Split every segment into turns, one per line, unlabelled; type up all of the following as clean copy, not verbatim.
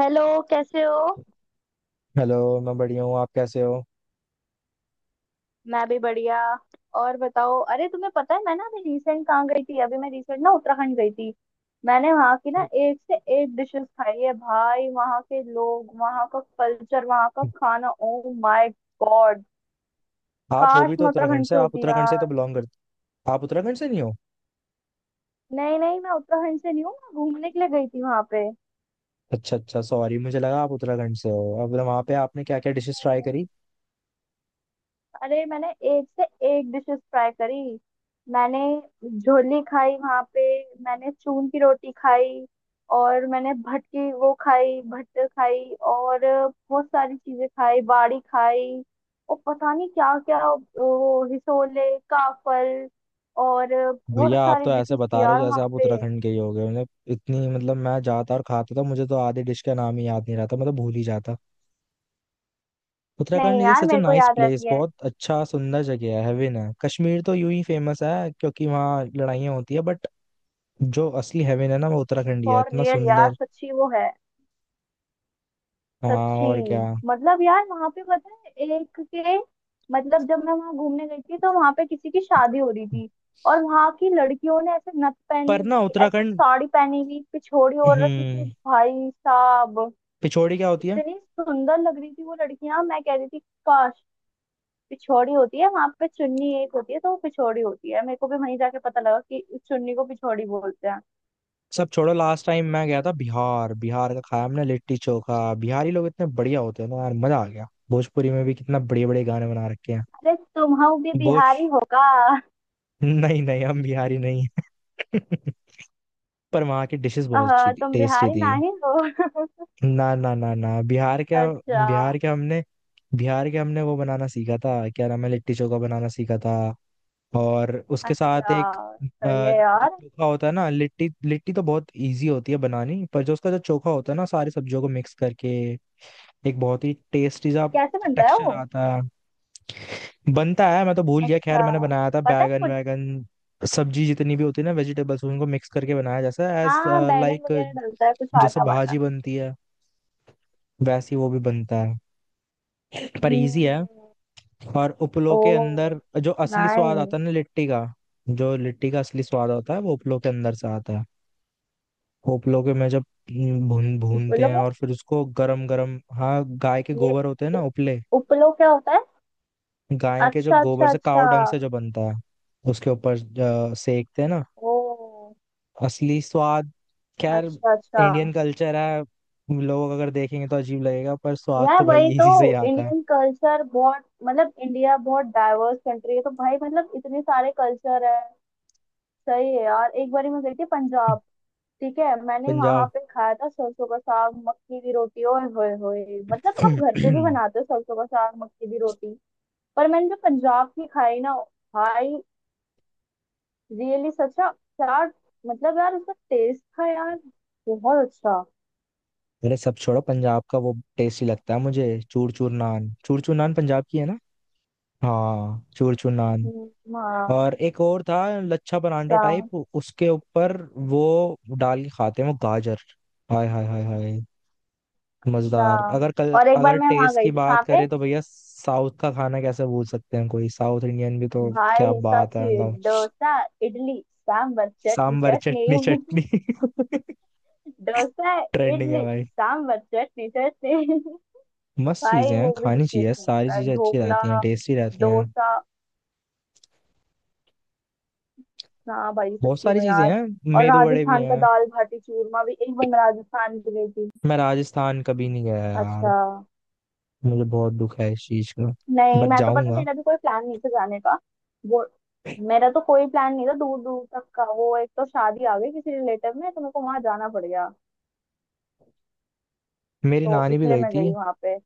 Hello. कैसे हो?
Hello. मैं बढ़िया हूँ। आप कैसे हो?
मैं भी बढ़िया। और बताओ, अरे तुम्हें पता है, मैं ना अभी रिसेंट कहाँ गई थी? अभी मैं रिसेंट ना उत्तराखंड गई थी। मैंने वहाँ की ना एक से एक डिशेस खाई है। भाई, वहाँ के लोग, वहाँ का कल्चर, वहाँ का खाना, ओ माय गॉड।
आप हो
काश
भी तो
मैं
उत्तराखंड
उत्तराखंड
से।
से
आप
होती
उत्तराखंड से तो
यार।
बिलोंग करते। आप उत्तराखंड से नहीं हो?
नहीं नहीं, मैं उत्तराखंड से नहीं हूँ। मैं घूमने के लिए गई थी वहाँ पे।
अच्छा अच्छा, सॉरी, मुझे लगा आप उत्तराखंड से हो। अब तो वहाँ पे आपने क्या क्या डिशेस ट्राई करी?
अरे मैंने एक से एक डिशेस ट्राई करी। मैंने झोली खाई वहां पे। मैंने चून की रोटी खाई। और मैंने भट की वो खाई, भट्ट खाई। और बहुत सारी चीजें खाई, बाड़ी खाई। और पता नहीं क्या क्या, वो हिसोले, काफल, और बहुत
भैया, आप
सारी
तो ऐसे
डिशेस थी
बता रहे
यार
हो जैसे
वहां
आप
पे।
उत्तराखंड के ही हो गए। मतलब इतनी मतलब मैं जाता और खाता था, मुझे तो आधे डिश का नाम ही याद नहीं रहता, मैं तो भूल ही जाता। उत्तराखंड
नहीं
इज
यार,
सच अ
मेरे को
नाइस
याद
प्लेस।
रहती है।
बहुत अच्छा सुंदर जगह है, हेवन है। कश्मीर तो यूं ही फेमस है क्योंकि वहाँ लड़ाइयाँ होती है, बट जो असली हेवन है ना वो उत्तराखंड ही है,
फॉर
इतना
रियल यार,
सुंदर।
सच्ची वो है।
हाँ।
सच्ची।
और क्या।
मतलब यार, वहां पे पता है, एक के मतलब जब मैं वहां घूमने गई थी तो वहां पे किसी की शादी हो रही थी। और वहां की लड़कियों ने ऐसे नथ पहनी
पर ना
हुई, ऐसे
उत्तराखंड।
साड़ी पहनी हुई, पिछोड़ी ओढ़ रखी थी
हम्म।
भाई साहब।
पिछोड़ी क्या होती है?
इतनी सुंदर लग रही थी वो लड़कियां, मैं कह रही थी काश। पिछोड़ी होती है वहां पे, चुन्नी एक होती है, तो वो पिछोड़ी होती है। मेरे को भी वहीं जाके पता लगा कि इस चुन्नी को पिछोड़ी बोलते हैं।
सब छोड़ो, लास्ट टाइम मैं गया था बिहार। बिहार का खाया हमने लिट्टी चोखा। बिहारी लोग इतने बढ़िया होते हैं ना यार, मजा आ गया। भोजपुरी में भी कितना बड़े बड़े गाने बना रखे हैं।
अरे तुम भी
भोज
बिहारी होगा।
नहीं नहीं, हम बिहारी नहीं हैं। पर वहाँ की डिशेस बहुत
आहा,
अच्छी थी,
तुम
टेस्टी
बिहारी
थी।
नहीं हो?
ना ना ना ना, बिहार क्या।
अच्छा।
बिहार के हमने बिहार के हमने वो बनाना सीखा था, क्या नाम है, लिट्टी चोखा बनाना सीखा था। और उसके साथ
अच्छा,
एक अ,
सही है
जो
यार।
चोखा होता है ना, लिट्टी लिट्टी तो बहुत इजी होती है बनानी, पर जो उसका जो चोखा होता है ना, सारी सब्जियों को मिक्स करके एक बहुत ही टेस्टी सा
कैसे बनता है
टेक्सचर
वो?
आता है। बनता है, मैं तो भूल गया। खैर,
अच्छा,
मैंने बनाया था
पता है
बैगन
कुछ?
वैगन, सब्जी जितनी भी होती है ना वेजिटेबल्स, उनको मिक्स करके बनाया। जैसा एज
हाँ, बैगन
लाइक,
वगैरह डलता है, कुछ
जैसे
आटा वाटा।
भाजी बनती है वैसी वो भी बनता है, पर इजी है।
हम्म।
और उपलों के
ओ
अंदर जो असली स्वाद
नाइस।
आता है ना लिट्टी का, जो लिट्टी का असली स्वाद होता है वो उपलों के अंदर से आता है। उपलों के में जब भूनते हैं
उपलो
और फिर उसको गरम गरम, हाँ गाय के
ये,
गोबर होते हैं ना
उ-
उपले,
उपलो क्या होता है?
गाय के जो
अच्छा
गोबर
अच्छा
से
अच्छा।
काव डंग से जो बनता है उसके ऊपर सेकते हैं ना,
ओ।
असली स्वाद। खैर,
अच्छा अच्छा।
इंडियन कल्चर है, लोग अगर देखेंगे तो अजीब लगेगा, पर स्वाद तो
यार
भाई
वही तो।
इसी से ही आता है।
इंडियन कल्चर बहुत, मतलब, इंडिया बहुत डाइवर्स कंट्री है तो भाई मतलब इतने सारे कल्चर है। सही है यार, एक बारी मैं गई थी पंजाब। ठीक है, मैंने वहां
पंजाब।
पे खाया था सरसों का साग मक्की की रोटी, और होए होए मतलब हम घर पे भी बनाते हैं सरसों का साग मक्की की रोटी। पर मैंने जो पंजाब की खाई ना, भाई, रियली सच्चा क्या! मतलब यार, उसका टेस्ट था यार, बहुत अच्छा।
अरे सब छोड़ो, पंजाब का वो टेस्टी लगता है मुझे, चूर चूर नान, पंजाब की है ना? हाँ, चूर चूर नान।
हाँ।
और एक और था, लच्छा परांठा
अच्छा
टाइप, उसके ऊपर वो डाल के खाते हैं वो गाजर, हाय हाय हाय हाय, मजेदार।
अच्छा।
अगर कल
और एक बार
अगर
मैं वहां
टेस्ट
गई
की
थी कहाँ
बात
पे।
करें तो भैया साउथ का खाना कैसे भूल सकते हैं, कोई साउथ इंडियन भी तो।
भाई
क्या बात
सच।
है, मतलब
डोसा, इडली, सांबर, चटनी
सांभर
चटनी।
चटनी चटनी
डोसा,
ट्रेंडिंग है
इडली,
भाई।
सांबर, चटनी चटनी।
मस्त चीजें
भाई
हैं,
वो भी
खानी
सच्ची
चाहिए
अच्छा
सारी
होता है,
चीजें, अच्छी
ढोकला,
रहती हैं, टेस्टी रहती हैं।
डोसा। हाँ भाई,
बहुत
सच्ची
सारी
में
चीजें
यार।
हैं,
और
मेदू बड़े भी
राजस्थान का
हैं।
दाल बाटी चूरमा भी, एक बार मैं राजस्थान भी गई थी।
मैं राजस्थान कभी नहीं गया यार,
अच्छा।
मुझे बहुत दुख है इस चीज का,
नहीं,
बट
मैं तो पता है,
जाऊंगा।
मेरा भी कोई प्लान नहीं था जाने का। वो, मेरा तो कोई प्लान नहीं था दूर दूर तक का, वो एक तो शादी आ गई किसी रिलेटिव में तो मेरे को वहां जाना पड़ गया।
मेरी
तो
नानी भी
इसलिए
गई
मैं
थी।
गई वहां पे।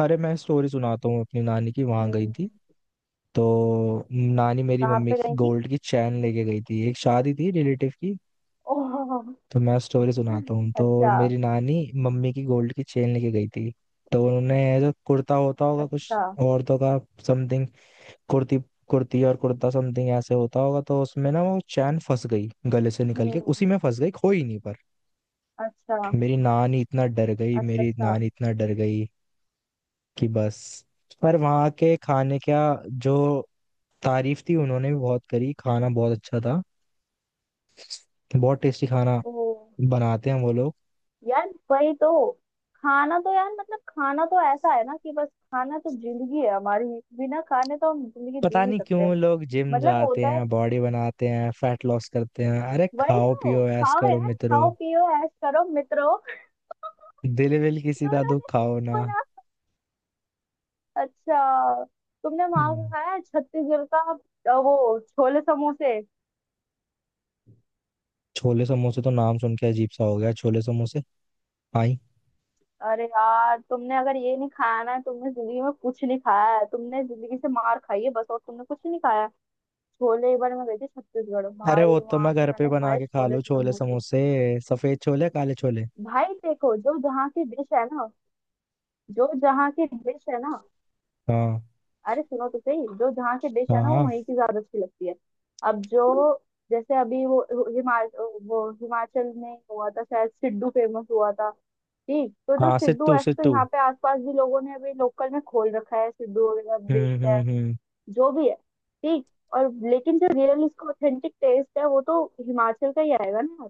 अरे मैं स्टोरी सुनाता हूँ, अपनी नानी की, वहां गई
हम्म,
थी तो नानी मेरी
कहाँ
मम्मी
पे
की
गई थी?
गोल्ड की चैन लेके गई थी, एक शादी थी रिलेटिव की।
ओह।
तो मैं स्टोरी सुनाता हूँ, तो
अच्छा
मेरी नानी मम्मी की गोल्ड की चेन लेके गई थी, तो उन्होंने जो कुर्ता होता होगा कुछ
अच्छा।
औरतों का, समथिंग, कुर्ती कुर्ती और कुर्ता, समथिंग ऐसे होता होगा, तो उसमें ना वो चैन फंस गई, गले से निकल के उसी
हम्म।
में फंस गई, खोई नहीं पर।
अच्छा
मेरी नानी इतना डर गई,
अच्छा
मेरी
अच्छा।
नानी इतना डर गई कि बस। पर वहाँ के खाने का जो तारीफ थी, उन्होंने भी बहुत करी, खाना बहुत अच्छा था, बहुत टेस्टी खाना
ओह।
बनाते हैं वो लोग।
यार वही तो। खाना तो यार, मतलब खाना तो ऐसा है ना कि बस खाना तो जिंदगी है हमारी। बिना खाने तो हम जिंदगी जी
पता
नहीं
नहीं
सकते।
क्यों लोग जिम
मतलब
जाते
होता है।
हैं, बॉडी बनाते हैं, फैट लॉस करते हैं, अरे
वही
खाओ
तो,
पियो ऐश
खाओ
करो
यार,
मित्रों,
खाओ पियो ऐश करो मित्रों।
दिल विल किसी का
दोनों
दुख
ने सेम
खाओ ना।
बोला। अच्छा, तुमने वहां का
हम्म।
खाया है छत्तीसगढ़ का? वो छोले समोसे।
छोले समोसे तो नाम सुन के अजीब सा हो गया, छोले समोसे। आई।
अरे यार, तुमने अगर ये नहीं खाया ना, तुमने जिंदगी में कुछ नहीं खाया है, तुमने जिंदगी से मार खाई है बस, और तुमने कुछ नहीं खाया है। छोले एक बार मैं गई थी छत्तीसगढ़,
अरे
भाई
वो तो
वहां
मैं
से
घर पे
मैंने
बना
खाए
के खा
छोले
लूँ, छोले
समोसे।
समोसे, सफेद छोले काले छोले।
भाई देखो, जो जहाँ की डिश है ना, जो जहाँ की डिश है ना।
हाँ
अरे सुनो तो सही, जो जहाँ की डिश
हाँ
है ना, वो
हाँ
वहीं की ज्यादा अच्छी लगती है। अब जो, जैसे अभी वो हिमाचल में हुआ था शायद, सिड्डू फेमस हुआ था। ठीक, तो जो
हाँ।
सिड्डू
सित्तू
ऐसे तो
सित्तू।
यहाँ पे आसपास भी, लोगों ने अभी लोकल में खोल रखा है, सिड्डू वगैरह बेचते हैं।
हम्म।
जो भी है। ठीक। और लेकिन जो रियल इसका ऑथेंटिक टेस्ट है, वो तो हिमाचल का ही आएगा ना यार।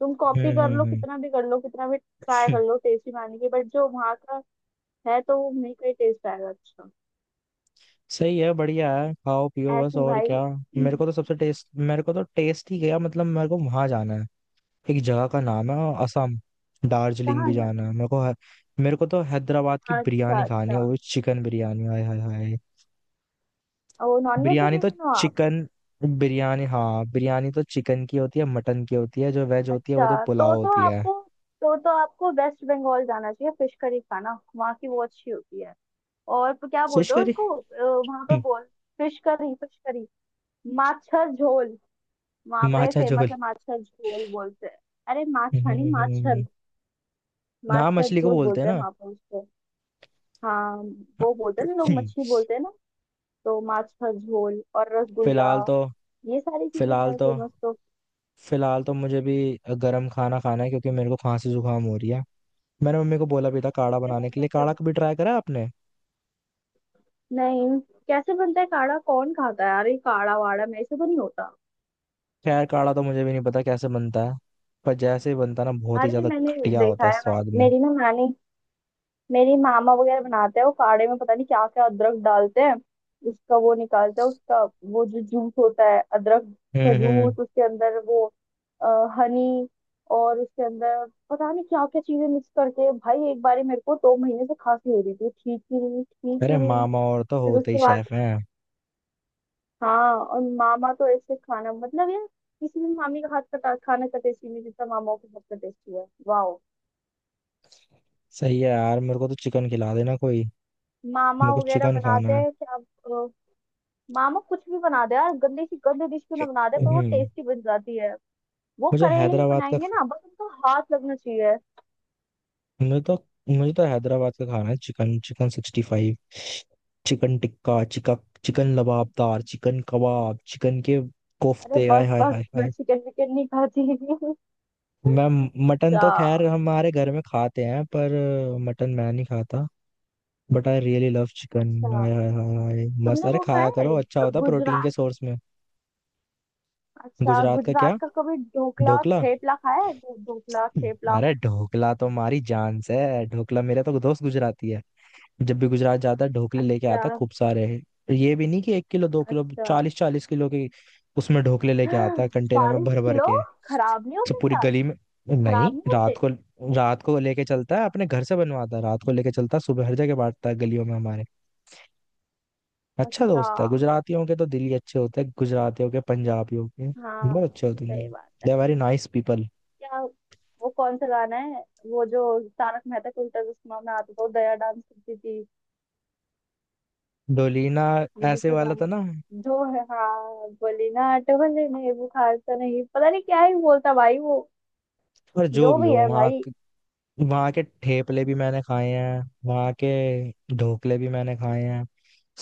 तुम कॉपी
हम्म
कर लो
हम्म
कितना भी कर लो, कितना भी ट्राई
हम्म।
कर लो टेस्टी बनाने की, बट जो वहाँ का है तो वो नहीं कहीं टेस्ट आएगा। अच्छा।
सही है, बढ़िया है, खाओ पियो बस,
ऐसी
और
भाई।
क्या। मेरे को तो सबसे टेस्ट, मेरे को तो टेस्ट ही गया, मतलब मेरे को वहां जाना है, एक जगह का नाम है असम, दार्जिलिंग
कहाँ
भी
घर?
जाना है मेरे को तो हैदराबाद की
अच्छा
बिरयानी खानी
अच्छा।
है, वो चिकन बिरयानी, हाय हाय हाय।
वो नॉन
बिरयानी तो
वेजिटेरियन हो आप?
चिकन बिरयानी, हाँ, बिरयानी तो चिकन की होती है, मटन की होती है, जो वेज होती है वो तो
अच्छा,
पुलाव
तो
होती है।
आपको, तो आपको वेस्ट बंगाल जाना चाहिए, फिश करी खाना वहाँ की, वो अच्छी होती है। और क्या
फिश
बोलते हो
करी।
उसको, वहाँ पे बोल। Fish curry, fish curry. माछर झोल, वहाँ पे
माछा
फेमस
झोल।
है, माछर झोल बोलते हैं। अरे माछा
हम्म,
नहीं, माछर।
हम्म।
माछ
हाँ,
का
मछली को
झोल
बोलते हैं
बोलते हैं
ना।
वहां पर उसको। हाँ। वो बोलते हैं ना, लोग
हम्म,
मछली बोलते हैं ना। तो माछ का झोल और रसगुल्ला,
फिलहाल तो
ये सारी चीजें
फिलहाल
हैं
तो
फेमस तो।
फिलहाल तो मुझे भी गरम खाना खाना है क्योंकि मेरे को खांसी जुकाम हो रही है। मैंने मम्मी को बोला भी था काढ़ा
क्यों?
बनाने के लिए,
कैसे हो?
काढ़ा कभी ट्राई करा आपने?
नहीं। कैसे बनता है काढ़ा? कौन खाता है? अरे काढ़ा वाड़ा मेरे से तो नहीं होता।
खैर, काढ़ा तो मुझे भी नहीं पता कैसे बनता है, पर जैसे ही बनता ना बहुत ही
अरे
ज्यादा
मैंने
घटिया होता
देखा
है
है, मैं
स्वाद में।
मेरी ना नानी, मेरी मामा वगैरह बनाते हैं, वो काढ़े में पता नहीं क्या क्या, अदरक डालते हैं, उसका वो निकालते हैं उसका, वो जो जूस होता है, अदरक का
हम्म।
जूस उसके अंदर, वो हनी, और उसके अंदर पता नहीं क्या क्या चीजें मिक्स करके, भाई एक बार मेरे को 2 महीने से खांसी हो रही थी, ठीक ही नहीं हुई, ठीक
अरे
ही नहीं हुई।
मामा और तो
फिर
होते ही
उसके बाद,
शेफ हैं।
हाँ, और मामा तो ऐसे खाना मतलब यार, किसी भी मामी का हाथ का खाना का टेस्टी नहीं जितना मामाओं के हाथ का टेस्टी है, वाह।
सही है यार, मेरे को तो चिकन खिला देना कोई,
मामा
मेरे को
वगैरह
चिकन
बनाते
खाना है।
हैं क्या? मामा कुछ भी बना दे यार, गंदी सी गंदी डिश क्यों ना बना दे, पर वो
हम्म।
टेस्टी बन जाती है। वो
मुझे
करेले भी
हैदराबाद का
बनाएंगे ना, बस उनका हाथ लगना चाहिए।
मुझे तो मुझे तो हैदराबाद का खाना है, चिकन चिकन 65, चिकन टिक्का चिका chicken lababdar, chicken kebab, chicken के
अरे
कोफ्ते, आय
बस
हाय
बस,
हाय
मैं
हाय।
चिकन विकन नहीं खाती।
मैं मटन
अच्छा
तो खैर हमारे घर में खाते हैं पर मटन मैं नहीं खाता, but I really love chicken,
अच्छा,
हाय हाय हाय हाय, मस्त,
तुमने
अरे
वो
खाया
खाया है,
करो, अच्छा होता प्रोटीन
गुजरात?
के सोर्स में।
अच्छा,
गुजरात का क्या?
गुजरात का कभी ढोकला और
ढोकला।
थेपला खाया है? ढोकला
हम्म।
थेपला।
अरे ढोकला तो हमारी जान से है, ढोकला मेरा तो दोस्त गुजराती है, जब भी गुजरात जाता है ढोकले लेके
अच्छा
आता है, खूब सारे, ये भी नहीं कि एक किलो दो किलो,
अच्छा।
चालीस चालीस किलो के उसमें ढोकले लेके आता है कंटेनर में
चालीस
भर भर
किलो
के,
खराब नहीं
तो
होते
पूरी
क्या?
गली में, नहीं
खराब नहीं
रात
होते?
को, रात को लेके चलता है, अपने घर से बनवाता है रात को लेके चलता है, सुबह हर जगह बांटता है गलियों में हमारे, अच्छा
अच्छा।
दोस्त है। गुजरातियों के तो दिल ही अच्छे होते हैं, गुजरातियों के, पंजाबियों के
हाँ,
बहुत अच्छे होते हैं दिल,
सही बात
दे
है।
Are very nice people.
क्या? वो कौन सा गाना है? वो जो तारक मेहता का उल्टा चश्मा में आता था, वो दया डांस करती थी।
डोलीना
वो
ऐसे
जिसपे
वाला था
गाने,
ना?
जो है, हाँ, बोली ना टोले ने बुखार, तो नहीं पता नहीं क्या ही बोलता भाई वो।
पर जो
जो
भी
भी
हो,
है भाई।
वहाँ के ठेपले भी मैंने खाए हैं, वहाँ के ढोकले भी मैंने खाए हैं,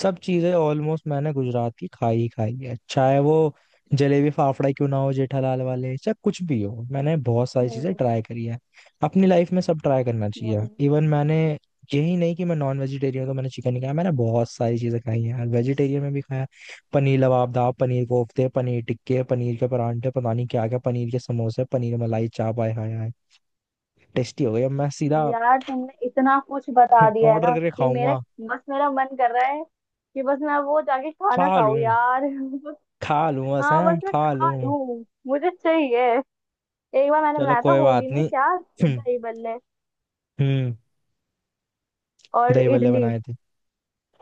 सब चीजें ऑलमोस्ट मैंने गुजरात की खाई ही खाई है, चाहे वो जलेबी फाफड़ा क्यों ना हो जेठालाल वाले, चाहे कुछ भी हो, मैंने बहुत सारी चीजें ट्राई
हम्म
करी है अपनी लाइफ में। सब ट्राई करना चाहिए,
हम्म।
इवन मैंने, यही नहीं कि मैं नॉन वेजिटेरियन हूँ तो मैंने चिकन ही खाया, मैंने बहुत सारी चीजें खाई हैं, वेजिटेरियन में भी खाया, पनीर लबाबदाब, पनीर कोफ्ते, पनीर टिक्के, पनीर के परांठे, पता नहीं क्या क्या, पनीर के समोसे, पनीर मलाई चाप, आए हाय हाय, टेस्टी हो गई। अब मैं सीधा
अब यार तुमने इतना कुछ बता दिया है
ऑर्डर
ना
करके
कि मेरा,
खाऊंगा।
बस मेरा मन कर रहा है कि बस मैं वो जाके खाना
खा
खाऊं
लूं,
यार।
खा लूं, बस
हाँ
हैं
बस मैं
खा
खा
लूं,
लूं, मुझे चाहिए। एक बार मैंने
चलो
बनाया था
कोई
होली
बात
में, क्या,
नहीं।
दही बल्ले
हम्म।
और
दही बल्ले
इडली।
बनाए थे,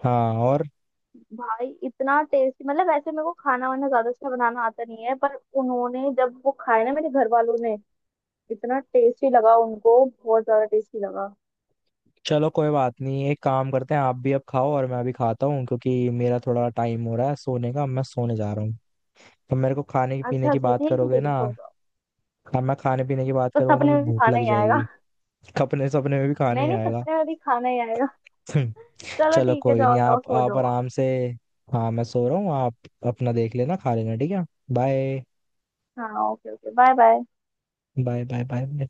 हाँ और,
भाई इतना टेस्टी, मतलब वैसे मेरे को खाना वाना ज्यादा अच्छा बनाना आता नहीं है, पर उन्होंने जब वो खाया ना, मेरे घर वालों ने, इतना टेस्टी लगा उनको, बहुत ज्यादा टेस्टी लगा।
चलो कोई बात नहीं, एक काम करते हैं, आप भी अब खाओ और मैं भी खाता हूँ क्योंकि मेरा थोड़ा टाइम हो रहा है सोने का, मैं सोने जा रहा हूँ, तो मेरे को खाने पीने
अच्छा
की
अच्छा,
बात
ठीक है
करोगे
ठीक है,
ना,
सो जाओ।
अब मैं खाने पीने की बात
तो
करूंगा तो
सपने
मैं
में भी
भूख
खाना
लग
ही आएगा।
जाएगी। अपने सपने में भी खाना
नहीं
ही
नहीं,
आएगा।
सपने में भी खाना ही आएगा। चलो
चलो
ठीक है,
कोई नहीं,
जाओ जाओ
आप
सो
आप
जाओ आप।
आराम से, हाँ मैं सो रहा हूँ, आप अपना देख लेना, खा लेना ठीक है। बाय
हाँ okay okay, bye bye.
Bye bye bye.